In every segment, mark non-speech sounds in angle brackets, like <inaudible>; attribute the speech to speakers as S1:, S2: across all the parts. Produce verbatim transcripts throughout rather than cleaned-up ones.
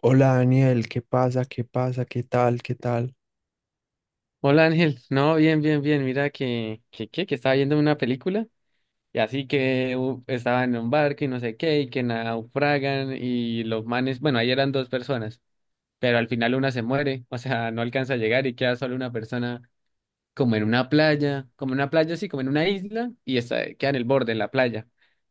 S1: Hola Daniel, ¿qué pasa? ¿Qué pasa? ¿Qué tal? ¿Qué tal?
S2: Hola Ángel, no, bien, bien, bien, mira que, que, que, que estaba viendo una película y así que uh, estaba en un barco y no sé qué, y que naufragan y los manes, bueno, ahí eran dos personas, pero al final una se muere, o sea, no alcanza a llegar y queda solo una persona como en una playa, como en una playa, sí, como en una isla, y está, queda en el borde de la playa.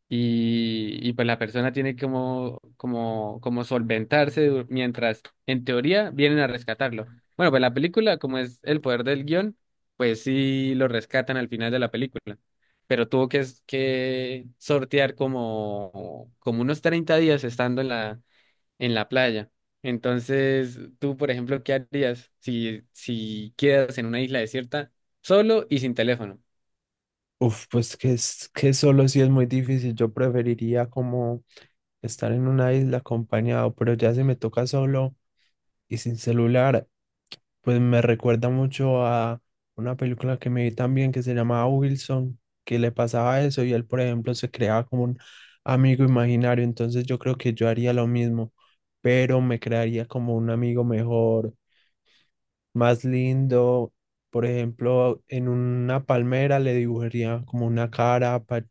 S2: Y, y pues la persona tiene como, como, como solventarse du- mientras, en teoría, vienen a rescatarlo. Bueno, pues la película, como es el poder del guión, pues sí lo rescatan al final de la película. Pero tuvo que, que sortear como, como unos treinta días estando en la, en la playa. Entonces, tú, por ejemplo, ¿qué harías si, si quedas en una isla desierta solo y sin teléfono?
S1: Uf, pues que es que solo sí es muy difícil. Yo preferiría como estar en una isla acompañado, pero ya si me toca solo y sin celular, pues me recuerda mucho a una película que me vi también que se llamaba Wilson, que le pasaba eso y él, por ejemplo, se creaba como un amigo imaginario. Entonces yo creo que yo haría lo mismo, pero me crearía como un amigo mejor más lindo. Por ejemplo, en una palmera le dibujaría como una cara pa-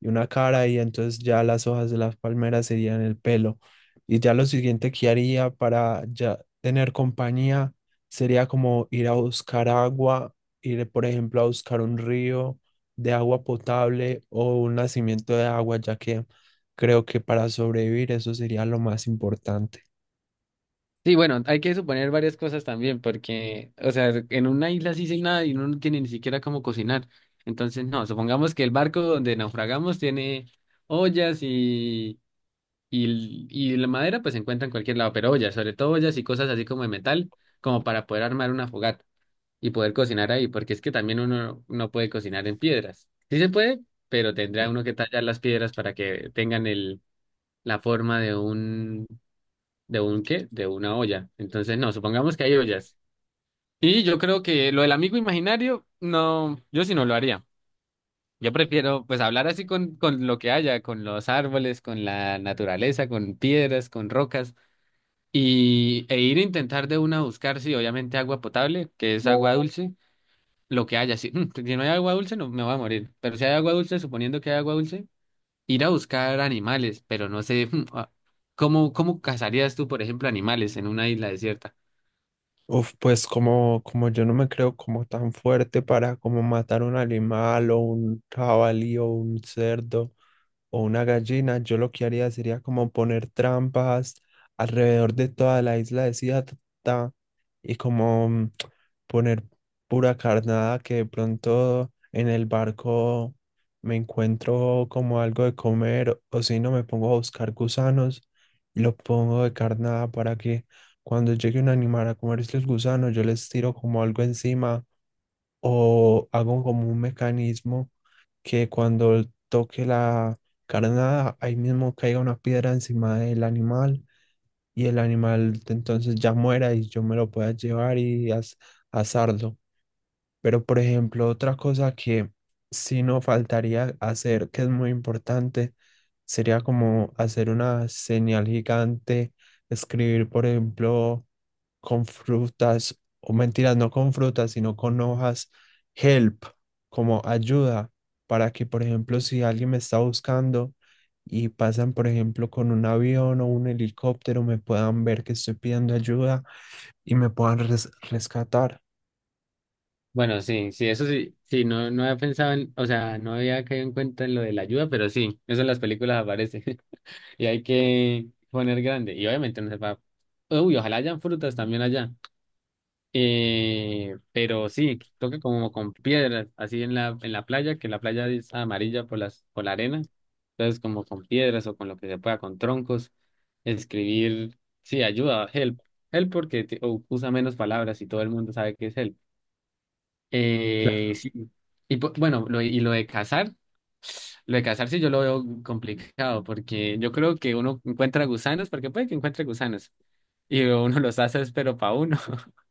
S1: y una cara y entonces ya las hojas de las palmeras serían el pelo. Y ya lo siguiente que haría para ya tener compañía sería como ir a buscar agua, ir por ejemplo a buscar un río de agua potable o un nacimiento de agua, ya que creo que para sobrevivir eso sería lo más importante.
S2: Sí, bueno, hay que suponer varias cosas también, porque, o sea, en una isla sí sin nada y uno no tiene ni siquiera cómo cocinar. Entonces, no, supongamos que el barco donde naufragamos tiene ollas y, y, y la madera, pues se encuentra en cualquier lado, pero ollas, sobre todo ollas y cosas así como de metal, como para poder armar una fogata, y poder cocinar ahí, porque es que también uno no puede cocinar en piedras. Sí se puede, pero tendrá uno que tallar las piedras para que tengan el, la forma de un, de un qué, de una olla. Entonces, no, supongamos que hay ollas. Y yo creo que lo del amigo imaginario, no, yo sí no lo haría. Yo prefiero pues hablar así con, con lo que haya, con los árboles, con la naturaleza, con piedras, con rocas, y, e ir a intentar de una buscar, sí, obviamente agua potable, que es agua dulce lo que haya. Si, mm, si no hay agua dulce, no me voy a morir. Pero si hay agua dulce, suponiendo que hay agua dulce, ir a buscar animales, pero no sé, mm, ah, ¿cómo, cómo cazarías tú, por ejemplo, animales en una isla desierta?
S1: Uf, pues como, como yo no me creo como tan fuerte para como matar un animal o un jabalí o un cerdo o una gallina, yo lo que haría sería como poner trampas alrededor de toda la isla de Cía y como mm, poner pura carnada que de pronto en el barco me encuentro como algo de comer o si no me pongo a buscar gusanos y lo pongo de carnada para que cuando llegue un animal a comerse los gusanos yo les tiro como algo encima o hago como un mecanismo que cuando toque la carnada ahí mismo caiga una piedra encima del animal y el animal entonces ya muera y yo me lo pueda llevar y as- asarlo. Pero, por ejemplo, otra cosa que sí no faltaría hacer, que es muy importante, sería como hacer una señal gigante, escribir, por ejemplo, con frutas, o mentiras, no con frutas, sino con hojas, help, como ayuda, para que, por ejemplo, si alguien me está buscando y pasan, por ejemplo, con un avión o un helicóptero, me puedan ver que estoy pidiendo ayuda y me puedan res- rescatar.
S2: Bueno, sí, sí, eso sí, sí, no, no había pensado en, o sea, no había caído en cuenta en lo de la ayuda, pero sí, eso en las películas aparece <laughs> y hay que poner grande y obviamente no se va, uy, ojalá hayan frutas también allá. Eh, pero sí, toca como con piedras, así en la, en la playa, que la playa es amarilla por las, por la arena. Entonces, como con piedras o con lo que se pueda, con troncos, escribir, sí, ayuda, help. Help porque te- o usa menos palabras y todo el mundo sabe que es help. Eh,
S1: Claro.
S2: sí. Y po- bueno, lo, y lo de cazar, lo de cazar sí yo lo veo complicado porque yo creo que uno encuentra gusanos, porque puede que encuentre gusanos y uno los hace, es pero para uno. <laughs>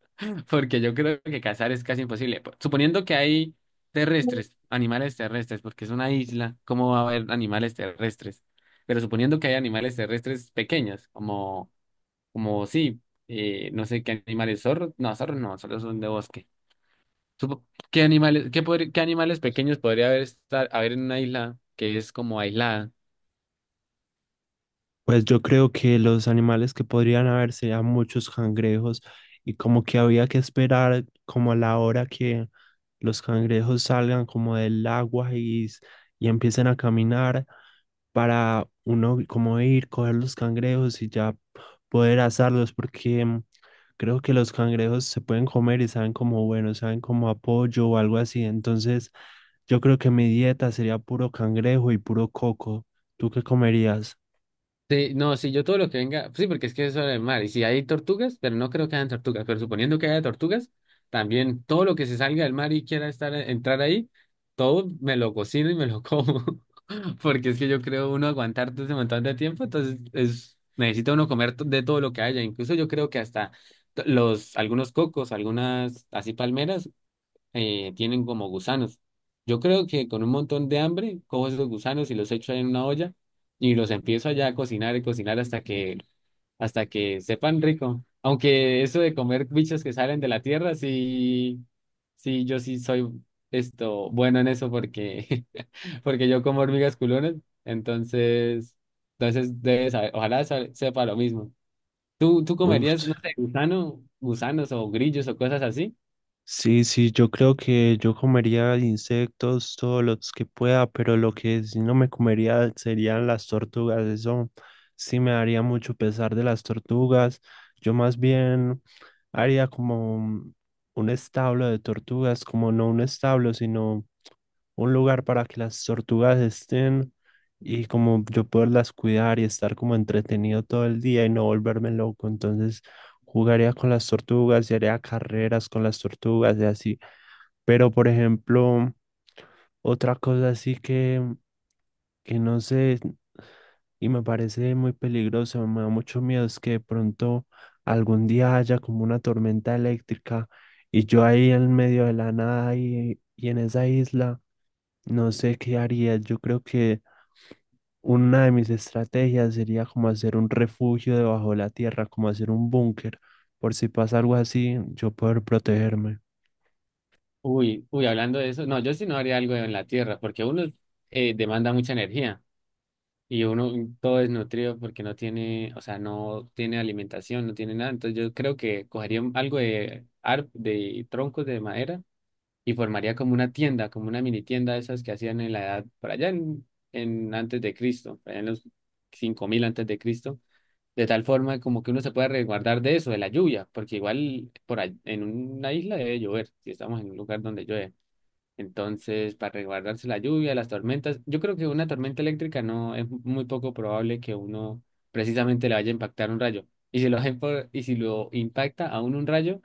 S2: Porque yo creo que cazar es casi imposible. Po- Suponiendo que hay terrestres, animales terrestres, porque es una isla, ¿cómo va a haber animales terrestres? Pero suponiendo que hay animales terrestres pequeños, como, como sí, eh, no sé qué animales, zorros, no, zorros no, zorros son de bosque. Supo- ¿Qué animales, qué, podri- qué animales pequeños podría haber, estar, haber en una isla que es como aislada?
S1: Pues yo creo que los animales que podrían haber serían muchos cangrejos y como que había que esperar como a la hora que los cangrejos salgan como del agua y, s- y empiecen a caminar para uno como ir, coger los cangrejos y ya poder asarlos, porque mm, creo que los cangrejos se pueden comer y saben como bueno, saben como apoyo o algo así. Entonces, yo creo que mi dieta sería puro cangrejo y puro coco. ¿Tú qué comerías?
S2: Sí, no, sí, yo todo lo que venga, sí, porque es que eso es el mar, y si hay tortugas, pero no creo que hayan tortugas, pero suponiendo que haya tortugas, también todo lo que se salga del mar y quiera estar, eh, entrar ahí, todo me lo cocino y me lo como, <laughs> porque es que yo creo uno aguantar todo ese montón de tiempo, entonces es, necesita uno comer to- de todo lo que haya, incluso yo creo que hasta t- los, algunos cocos, algunas así palmeras, eh, tienen como gusanos. Yo creo que con un montón de hambre cojo esos gusanos y los echo en una olla y los empiezo allá a cocinar y cocinar hasta que hasta que sepan rico. Aunque eso de comer bichos que salen de la tierra, sí, sí, yo sí soy esto bueno en eso porque, <laughs> porque yo como hormigas culones, entonces, entonces debes saber, ojalá sa- sepa lo mismo. ¿Tú, tú comerías,
S1: Uf,
S2: no sé, gusano, gusanos o grillos o cosas así?
S1: sí, sí, yo creo que yo comería insectos todos los que pueda, pero lo que sí no me comería serían las tortugas. Eso sí me daría mucho pesar de las tortugas. Yo más bien haría como un un establo de tortugas, como no un establo, sino un lugar para que las tortugas estén y como yo poderlas cuidar y estar como entretenido todo el día y no volverme loco. Entonces jugaría con las tortugas y haría carreras con las tortugas y así. Pero por ejemplo, otra cosa así que, que no sé y me parece muy peligroso, me da mucho miedo es que de pronto algún día haya como una tormenta eléctrica y yo ahí en medio de la nada y, y en esa isla. No sé qué haría. Yo creo que una de mis estrategias sería como hacer un refugio debajo de la tierra, como hacer un búnker, por si pasa algo así, yo poder protegerme.
S2: Uy, uy, hablando de eso, no, yo sí no haría algo en la tierra, porque uno eh, demanda mucha energía y uno todo desnutrido porque no tiene, o sea, no tiene alimentación, no tiene nada. Entonces yo creo que cogería un- algo de, ar- de troncos de madera y formaría como una tienda, como una mini tienda de esas que hacían en la edad, por allá en, en antes de Cristo, por allá en los cinco mil antes de Cristo. De tal forma como que uno se pueda resguardar de eso, de la lluvia, porque igual por ahí- en una isla debe llover, si estamos en un lugar donde llueve. Entonces, para resguardarse la lluvia, las tormentas, yo creo que una tormenta eléctrica no es muy poco probable que uno precisamente le vaya a impactar un rayo. Y si lo, hacen por y si lo impacta a uno un rayo,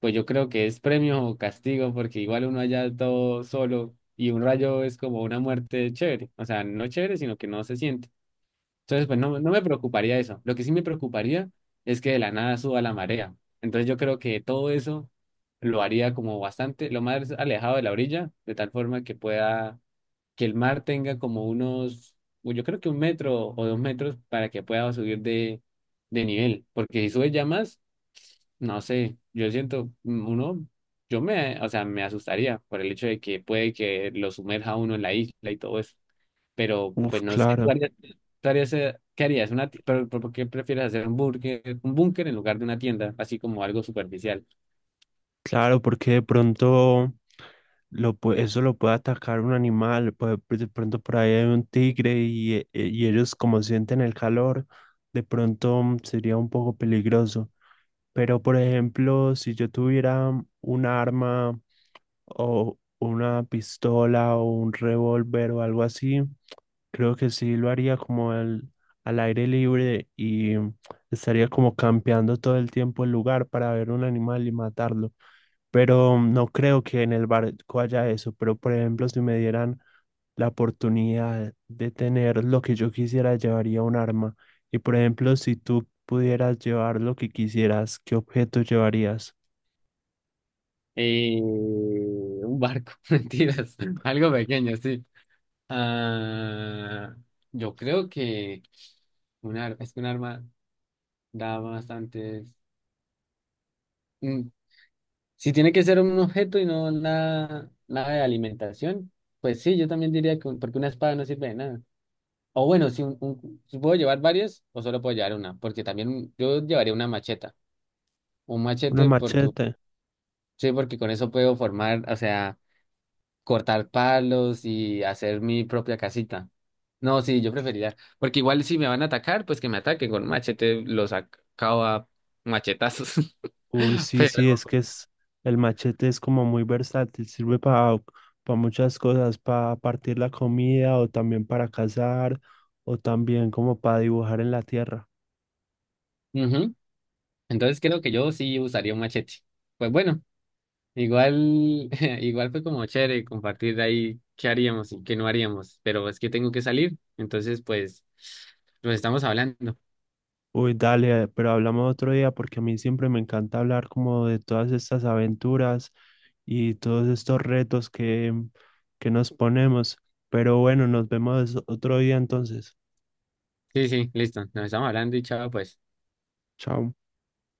S2: pues yo creo que es premio o castigo, porque igual uno allá todo solo y un rayo es como una muerte chévere. O sea, no chévere, sino que no se siente. Entonces, pues no, no me preocuparía eso. Lo que sí me preocuparía es que de la nada suba la marea. Entonces yo creo que todo eso lo haría como bastante, lo más alejado de la orilla, de tal forma que pueda, que el mar tenga como unos, uy, yo creo que un metro o dos metros para que pueda subir de, de nivel. Porque si sube ya más, no sé, yo siento, mm, uno, yo me, o sea, me asustaría por el hecho de que puede que lo sumerja uno en la isla y todo eso, pero
S1: Uf,
S2: pues no sé, ¿tú
S1: claro,
S2: harías, tú harías, eh, qué harías? Una, ti- pero, ¿pero por qué prefieres hacer un búnker, un búnker en lugar de una tienda? Así como algo superficial.
S1: claro, porque de pronto lo, pue- eso lo puede atacar un animal, puede- pues, de pronto por ahí hay un tigre y, e- e- y ellos como sienten el calor, de pronto mm, sería un poco peligroso. Pero por ejemplo, si yo tuviera un arma o una pistola o un revólver o algo así, creo que sí lo haría como al, al aire libre y estaría como campeando todo el tiempo el lugar para ver un animal y matarlo. Pero no creo que en el barco haya eso. Pero por ejemplo, si me dieran la oportunidad de tener lo que yo quisiera, llevaría un arma. Y por ejemplo, si tú pudieras llevar lo que quisieras, ¿qué objeto llevarías?
S2: Eh, un barco, <laughs> mentiras, algo pequeño, sí. Ah, yo creo que un ar- es que un arma da bastantes... mm, Si tiene que ser un objeto y no nada, nada de alimentación, pues sí, yo también diría que un- porque una espada no sirve de nada. O bueno, si, un- un- si puedo llevar varias o solo puedo llevar una, porque también yo llevaría una macheta. Un
S1: Una
S2: machete porque,
S1: machete.
S2: sí, porque con eso puedo formar, o sea, cortar palos y hacer mi propia casita. No, sí, yo preferiría, porque igual si me van a atacar, pues que me ataquen con un machete, los acabo a machetazos.
S1: Uy,
S2: <laughs>
S1: sí, sí,
S2: Pero,
S1: es que es, el machete es como muy versátil, sirve para muchas cosas, para partir la comida o también para cazar o también como para dibujar en la tierra.
S2: ujú, entonces creo que yo sí usaría un machete. Pues bueno. Igual, <laughs> igual fue como chévere compartir ahí qué haríamos y qué no haríamos, pero es que tengo que salir, entonces pues nos estamos hablando.
S1: Uy, dale, pero hablamos otro día porque a mí siempre me encanta hablar como de todas estas aventuras y todos estos retos que, que nos ponemos. Pero bueno, nos vemos otro día entonces.
S2: Sí, sí, listo, nos estamos hablando y chao, pues.
S1: Chao.